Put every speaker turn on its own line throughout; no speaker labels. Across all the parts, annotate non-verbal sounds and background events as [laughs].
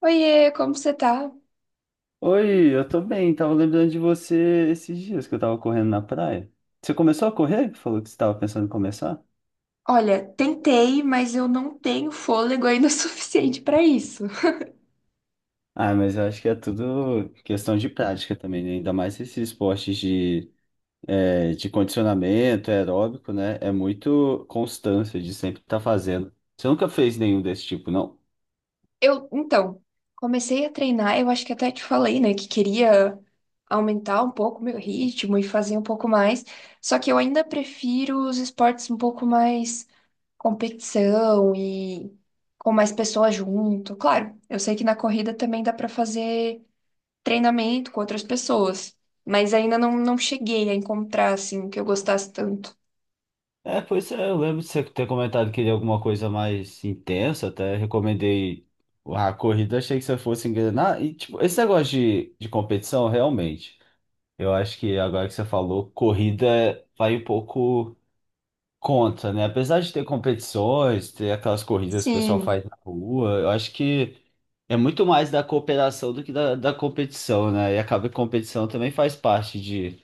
Oiê, como você tá?
Oi, eu tô bem. Tava lembrando de você esses dias que eu tava correndo na praia. Você começou a correr? Falou que você tava pensando em começar?
Olha, tentei, mas eu não tenho fôlego ainda [laughs] suficiente pra isso.
Ah, mas eu acho que é tudo questão de prática também, né? Ainda mais esses esportes de condicionamento é aeróbico, né? É muito constância de sempre estar fazendo. Você nunca fez nenhum desse tipo, não?
Eu, então, comecei a treinar, eu acho que até te falei, né, que queria aumentar um pouco o meu ritmo e fazer um pouco mais, só que eu ainda prefiro os esportes um pouco mais competição e com mais pessoas junto. Claro, eu sei que na corrida também dá pra fazer treinamento com outras pessoas, mas ainda não cheguei a encontrar, assim, o que eu gostasse tanto.
É, pois é, eu lembro de você ter comentado que queria alguma coisa mais intensa, até recomendei a corrida, achei que você fosse engrenar. E, tipo, esse negócio de competição, realmente. Eu acho que agora que você falou, corrida vai um pouco contra, né? Apesar de ter competições, ter aquelas corridas que o pessoal
Sim,
faz na rua, eu acho que é muito mais da cooperação do que da competição, né? E acaba que competição também faz parte de,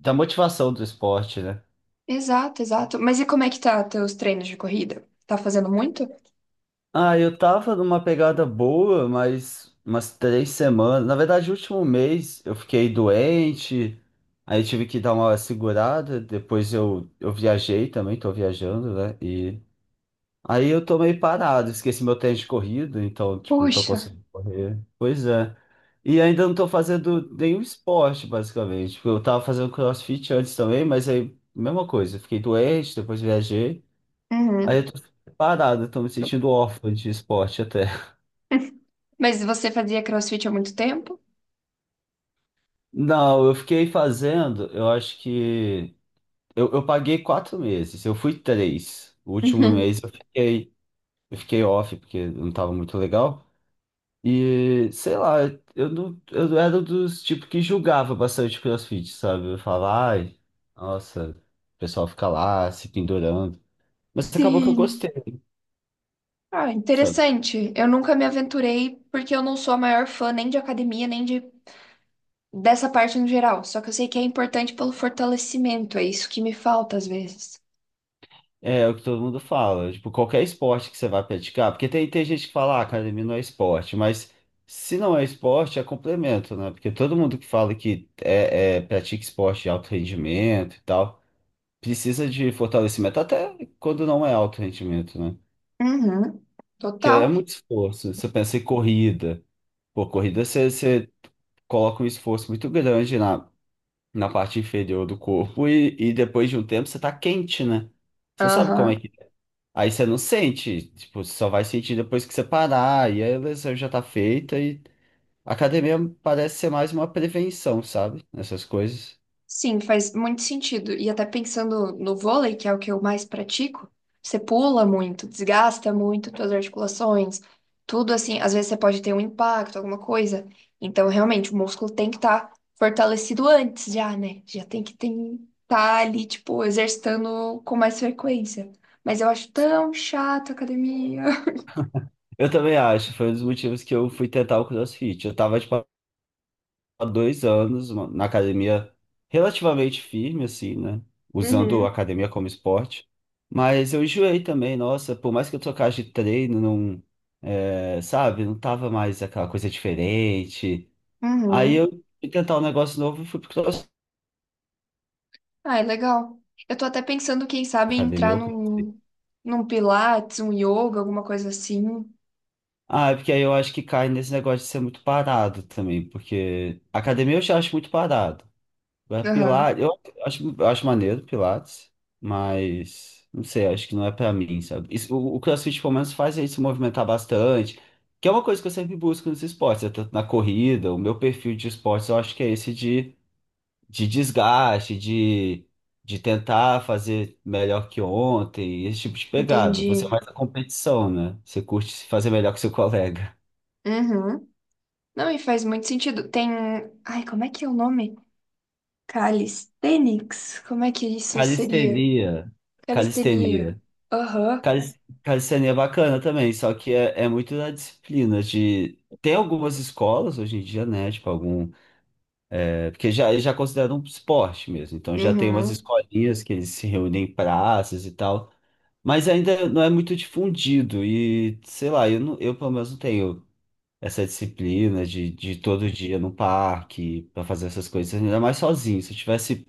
da motivação do esporte, né?
exato, exato. Mas e como é que tá teus treinos de corrida? Tá fazendo muito?
Ah, eu tava numa pegada boa, mas umas 3 semanas. Na verdade, o último mês eu fiquei doente, aí tive que dar uma segurada. Depois eu viajei também, tô viajando, né? E aí eu tô meio parado, esqueci meu tênis de corrida, então, tipo, não tô
Puxa.
conseguindo correr. Pois é. E ainda não tô fazendo nenhum esporte, basicamente. Tipo, eu tava fazendo CrossFit antes também, mas aí, mesma coisa. Fiquei doente, depois viajei. Aí
Uhum.
eu tô parado, eu tô me sentindo órfão de esporte até. [laughs]
[laughs] Mas você fazia CrossFit há muito tempo?
Não, eu fiquei fazendo, eu acho que. Eu paguei 4 meses, eu fui três. O último
Uhum.
mês eu fiquei off, porque não tava muito legal. E sei lá, eu não, eu era dos tipo que julgava bastante CrossFit, sabe? Eu falava, ai, nossa, o pessoal fica lá se pendurando. Mas acabou que eu
Sim.
gostei,
Ah,
sabe?
interessante. Eu nunca me aventurei porque eu não sou a maior fã nem de academia, nem de dessa parte no geral. Só que eu sei que é importante pelo fortalecimento, é isso que me falta às vezes.
É o que todo mundo fala, tipo, qualquer esporte que você vai praticar, porque tem gente que fala, ah, academia não é esporte, mas se não é esporte, é complemento, né? Porque todo mundo que fala que pratica esporte de alto rendimento e tal, precisa de fortalecimento, até quando não é alto rendimento, né?
Uhum.
Que é
Total.
muito esforço. Você pensa em corrida. Pô, corrida você coloca um esforço muito grande na parte inferior do corpo e depois de um tempo você tá quente, né? Você sabe como é
Aham.
que. É. Aí você não sente. Tipo, você só vai sentir depois que você parar. E aí a lesão já tá feita. E a academia parece ser mais uma prevenção, sabe? Nessas coisas.
Sim, faz muito sentido. E até pensando no vôlei, que é o que eu mais pratico, você pula muito, desgasta muito suas articulações, tudo assim. Às vezes você pode ter um impacto, alguma coisa. Então, realmente, o músculo tem que estar fortalecido antes já, né? Já tem que estar ali, tipo, exercitando com mais frequência. Mas eu acho tão chato a academia. [laughs]
Eu também acho. Foi um dos motivos que eu fui tentar o CrossFit. Eu tava de há 2 anos na academia relativamente firme, assim, né? Usando a
Uhum.
academia como esporte. Mas eu enjoei também, nossa, por mais que eu trocasse de treino, não, sabe, não tava mais aquela coisa diferente. Aí
Uhum.
eu fui tentar um negócio novo e fui pro CrossFit,
Ah, é legal. Eu tô até pensando, quem sabe, em
academia,
entrar
eu CrossFit.
num, num pilates, um yoga, alguma coisa assim.
Ah, é porque aí eu acho que cai nesse negócio de ser muito parado também, porque academia eu já acho muito parado. É
Aham,
Pilates, eu acho maneiro Pilates, mas não sei, acho que não é pra mim, sabe? O CrossFit pelo menos faz a gente se movimentar bastante, que é uma coisa que eu sempre busco nos esportes, é tanto na corrida, o meu perfil de esportes eu acho que é esse de desgaste, de tentar fazer melhor que ontem, esse tipo de pegada. Você é
entendi.
mais a competição, né? Você curte fazer melhor que seu colega.
Uhum. Não, e faz muito sentido. Tem. Ai, como é que é o nome? Calisthenics? Como é que isso seria?
Calistenia,
Calistenia.
calistenia.
Aham.
Cal- Calistenia é bacana também, só que é muito da disciplina de. Tem algumas escolas hoje em dia, né? Tipo, algum. Porque já, eles já consideram um esporte mesmo. Então já tem umas
Uhum.
escolinhas que eles se reúnem em praças e tal. Mas ainda não é muito difundido. E, sei lá, eu, não, eu pelo menos não tenho essa disciplina de todo dia no parque pra fazer essas coisas. Ainda mais sozinho. Se eu tivesse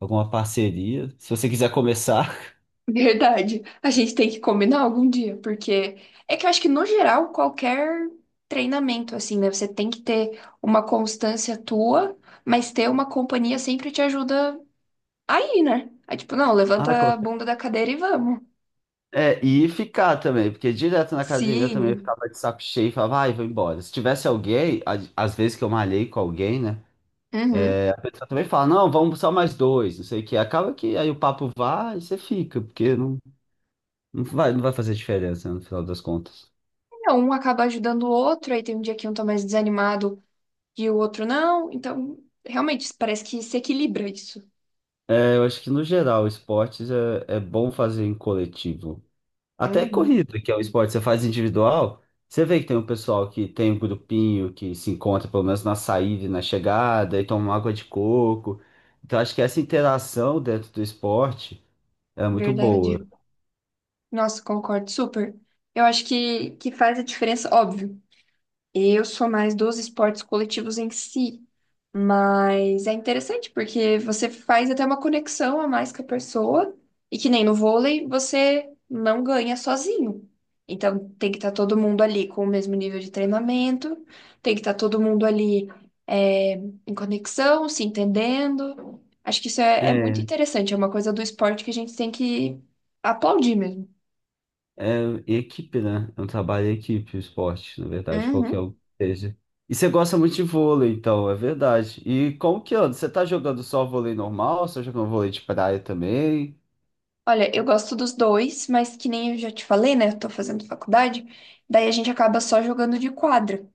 alguma parceria, se você quiser começar. [laughs]
Verdade. A gente tem que combinar algum dia, porque é que eu acho que no geral qualquer treinamento assim, né? Você tem que ter uma constância tua, mas ter uma companhia sempre te ajuda aí, né? É tipo, não,
Ah,
levanta a bunda da cadeira e vamos.
é, e ficar também, porque direto na academia eu também
Sim.
ficava de saco cheio e falava, ai, vou embora. Se tivesse alguém, às vezes que eu malhei com alguém, né?
Uhum.
A pessoa também fala, não, vamos só mais dois, não sei o quê. Acaba que aí o papo vai e você fica, porque não, não vai fazer diferença, né, no final das contas.
É, um acaba ajudando o outro, aí tem um dia que um tá mais desanimado e o outro não. Então, realmente, parece que se equilibra isso.
É, eu acho que no geral, esportes é bom fazer em coletivo. Até
Uhum.
corrida, que é um esporte que você faz individual, você vê que tem um pessoal que tem um grupinho que se encontra pelo menos na saída e na chegada, e toma uma água de coco. Então acho que essa interação dentro do esporte é muito boa.
Verdade. Nossa, concordo super. Eu acho que faz a diferença, óbvio. Eu sou mais dos esportes coletivos em si, mas é interessante porque você faz até uma conexão a mais com a pessoa e que nem no vôlei você não ganha sozinho. Então tem que estar todo mundo ali com o mesmo nível de treinamento, tem que estar todo mundo ali é, em conexão, se entendendo. Acho que isso é muito
É,
interessante, é uma coisa do esporte que a gente tem que aplaudir mesmo.
é equipe, né? É um trabalho em equipe, o esporte, na verdade, qualquer
Uhum.
um que seja. E você gosta muito de vôlei, então, é verdade. E como que anda? Você tá jogando só vôlei normal? Você tá jogando vôlei de praia também?
Olha, eu gosto dos dois, mas que nem eu já te falei, né? Eu tô fazendo faculdade, daí a gente acaba só jogando de quadra.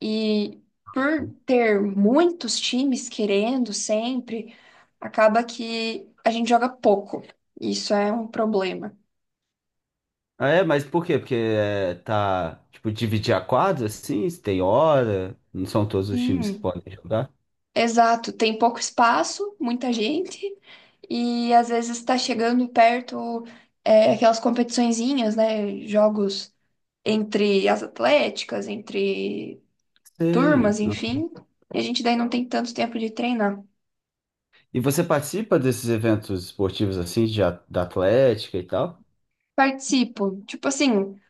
E por ter muitos times querendo sempre, acaba que a gente joga pouco. Isso é um problema.
Ah, é, mas por quê? Porque é, tá, tipo, dividir a quadra, assim, se tem hora, não são todos os times que
Sim,
podem jogar.
exato, tem pouco espaço, muita gente, e às vezes está chegando perto aquelas competiçõezinhas, né? Jogos entre as atléticas, entre
Sei.
turmas,
Ah.
enfim, e a gente daí não tem tanto tempo de treinar.
E você participa desses eventos esportivos, assim, da Atlética e tal?
Participo, tipo assim,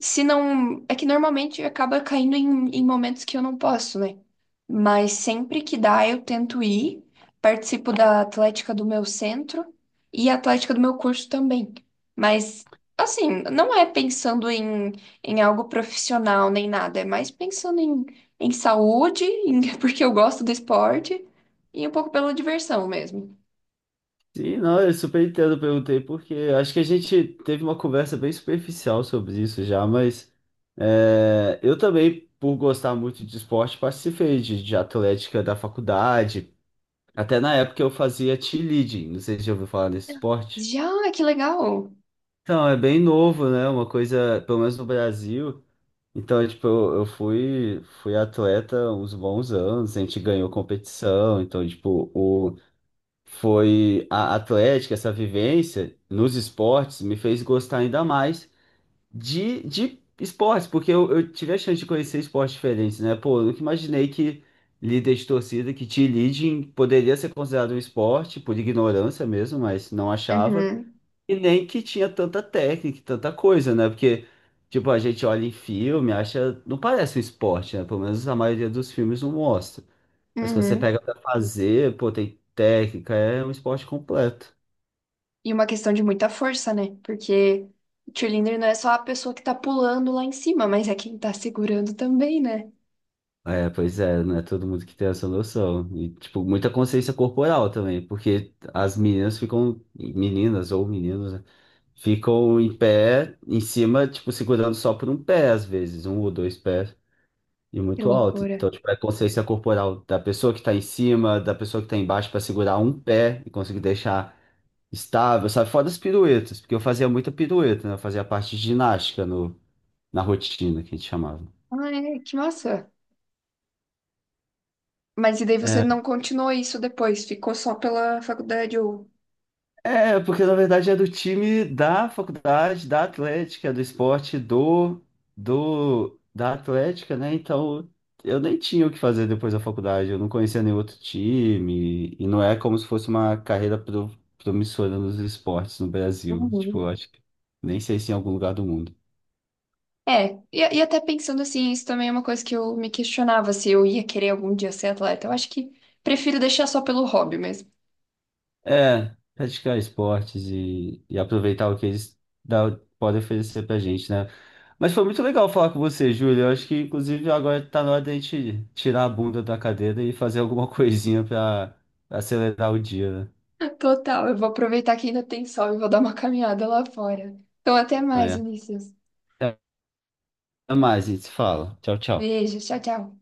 se não. É que normalmente acaba caindo em momentos que eu não posso, né? Mas sempre que dá, eu tento ir, participo da atlética do meu centro e a atlética do meu curso também. Mas, assim, não é pensando em, em algo profissional nem nada, é mais pensando em, em saúde, em- [laughs] porque eu gosto do esporte e um pouco pela diversão mesmo.
Sim, não, eu super entendo, eu perguntei, porque acho que a gente teve uma conversa bem superficial sobre isso já, mas é, eu também, por gostar muito de esporte, participei de Atlética da faculdade. Até na época eu fazia cheerleading, não sei se já ouviu falar desse esporte.
Já, que legal.
Então, é bem novo, né? Uma coisa, pelo menos no Brasil. Então, é, tipo, eu fui, atleta uns bons anos, a gente ganhou competição. Então, tipo, foi a atlética, essa vivência nos esportes me fez gostar ainda mais de esportes, porque eu tive a chance de conhecer esportes diferentes, né? Pô, eu nunca imaginei que líder de torcida, que cheerleading poderia ser considerado um esporte, por ignorância mesmo, mas não achava.
Uhum,
E nem que tinha tanta técnica, e tanta coisa, né? Porque, tipo, a gente olha em filme, acha. Não parece um esporte, né? Pelo menos a maioria dos filmes não mostra. Mas quando você
uhum.
pega pra fazer, pô, tem técnica, é um esporte completo.
E uma questão de muita força, né? Porque cheerleader não é só a pessoa que tá pulando lá em cima, mas é quem tá segurando também, né?
É, pois é, não é todo mundo que tem essa noção. E, tipo, muita consciência corporal também, porque as meninas ficam, meninas ou meninos, né? Ficam em pé, em cima, tipo, segurando só por um pé, às vezes, um ou dois pés. E
Que
muito alto.
loucura.
Então, tipo, é a consciência corporal da pessoa que tá em cima, da pessoa que tá embaixo pra segurar um pé e conseguir deixar estável, sabe? Fora as piruetas, porque eu fazia muita pirueta, né? Eu fazia a parte de ginástica no, na rotina, que a gente chamava.
Ah, é, que massa. Mas e daí você
É,
não continuou isso depois? Ficou só pela faculdade ou...
É, porque na verdade é do time da faculdade, da Atlética, do esporte do, do da Atlética, né? Então eu nem tinha o que fazer depois da faculdade, eu não conhecia nenhum outro time, e não é como se fosse uma carreira promissora nos esportes no Brasil. Tipo,
Uhum.
eu acho que nem sei se em algum lugar do mundo.
É, e até pensando assim, isso também é uma coisa que eu me questionava se eu ia querer algum dia ser atleta. Eu acho que prefiro deixar só pelo hobby mesmo.
É, praticar esportes e aproveitar o que eles dá- podem oferecer pra gente, né? Mas foi muito legal falar com você, Júlio. Eu acho que, inclusive, agora tá na hora da gente tirar a bunda da cadeira e fazer alguma [laughs] coisinha pra acelerar o dia,
Total, eu vou aproveitar que ainda tem sol e vou dar uma caminhada lá fora. Então, até mais,
né?
Vinícius.
É. Até mais, a gente se fala. Tchau, tchau.
Beijo, tchau, tchau.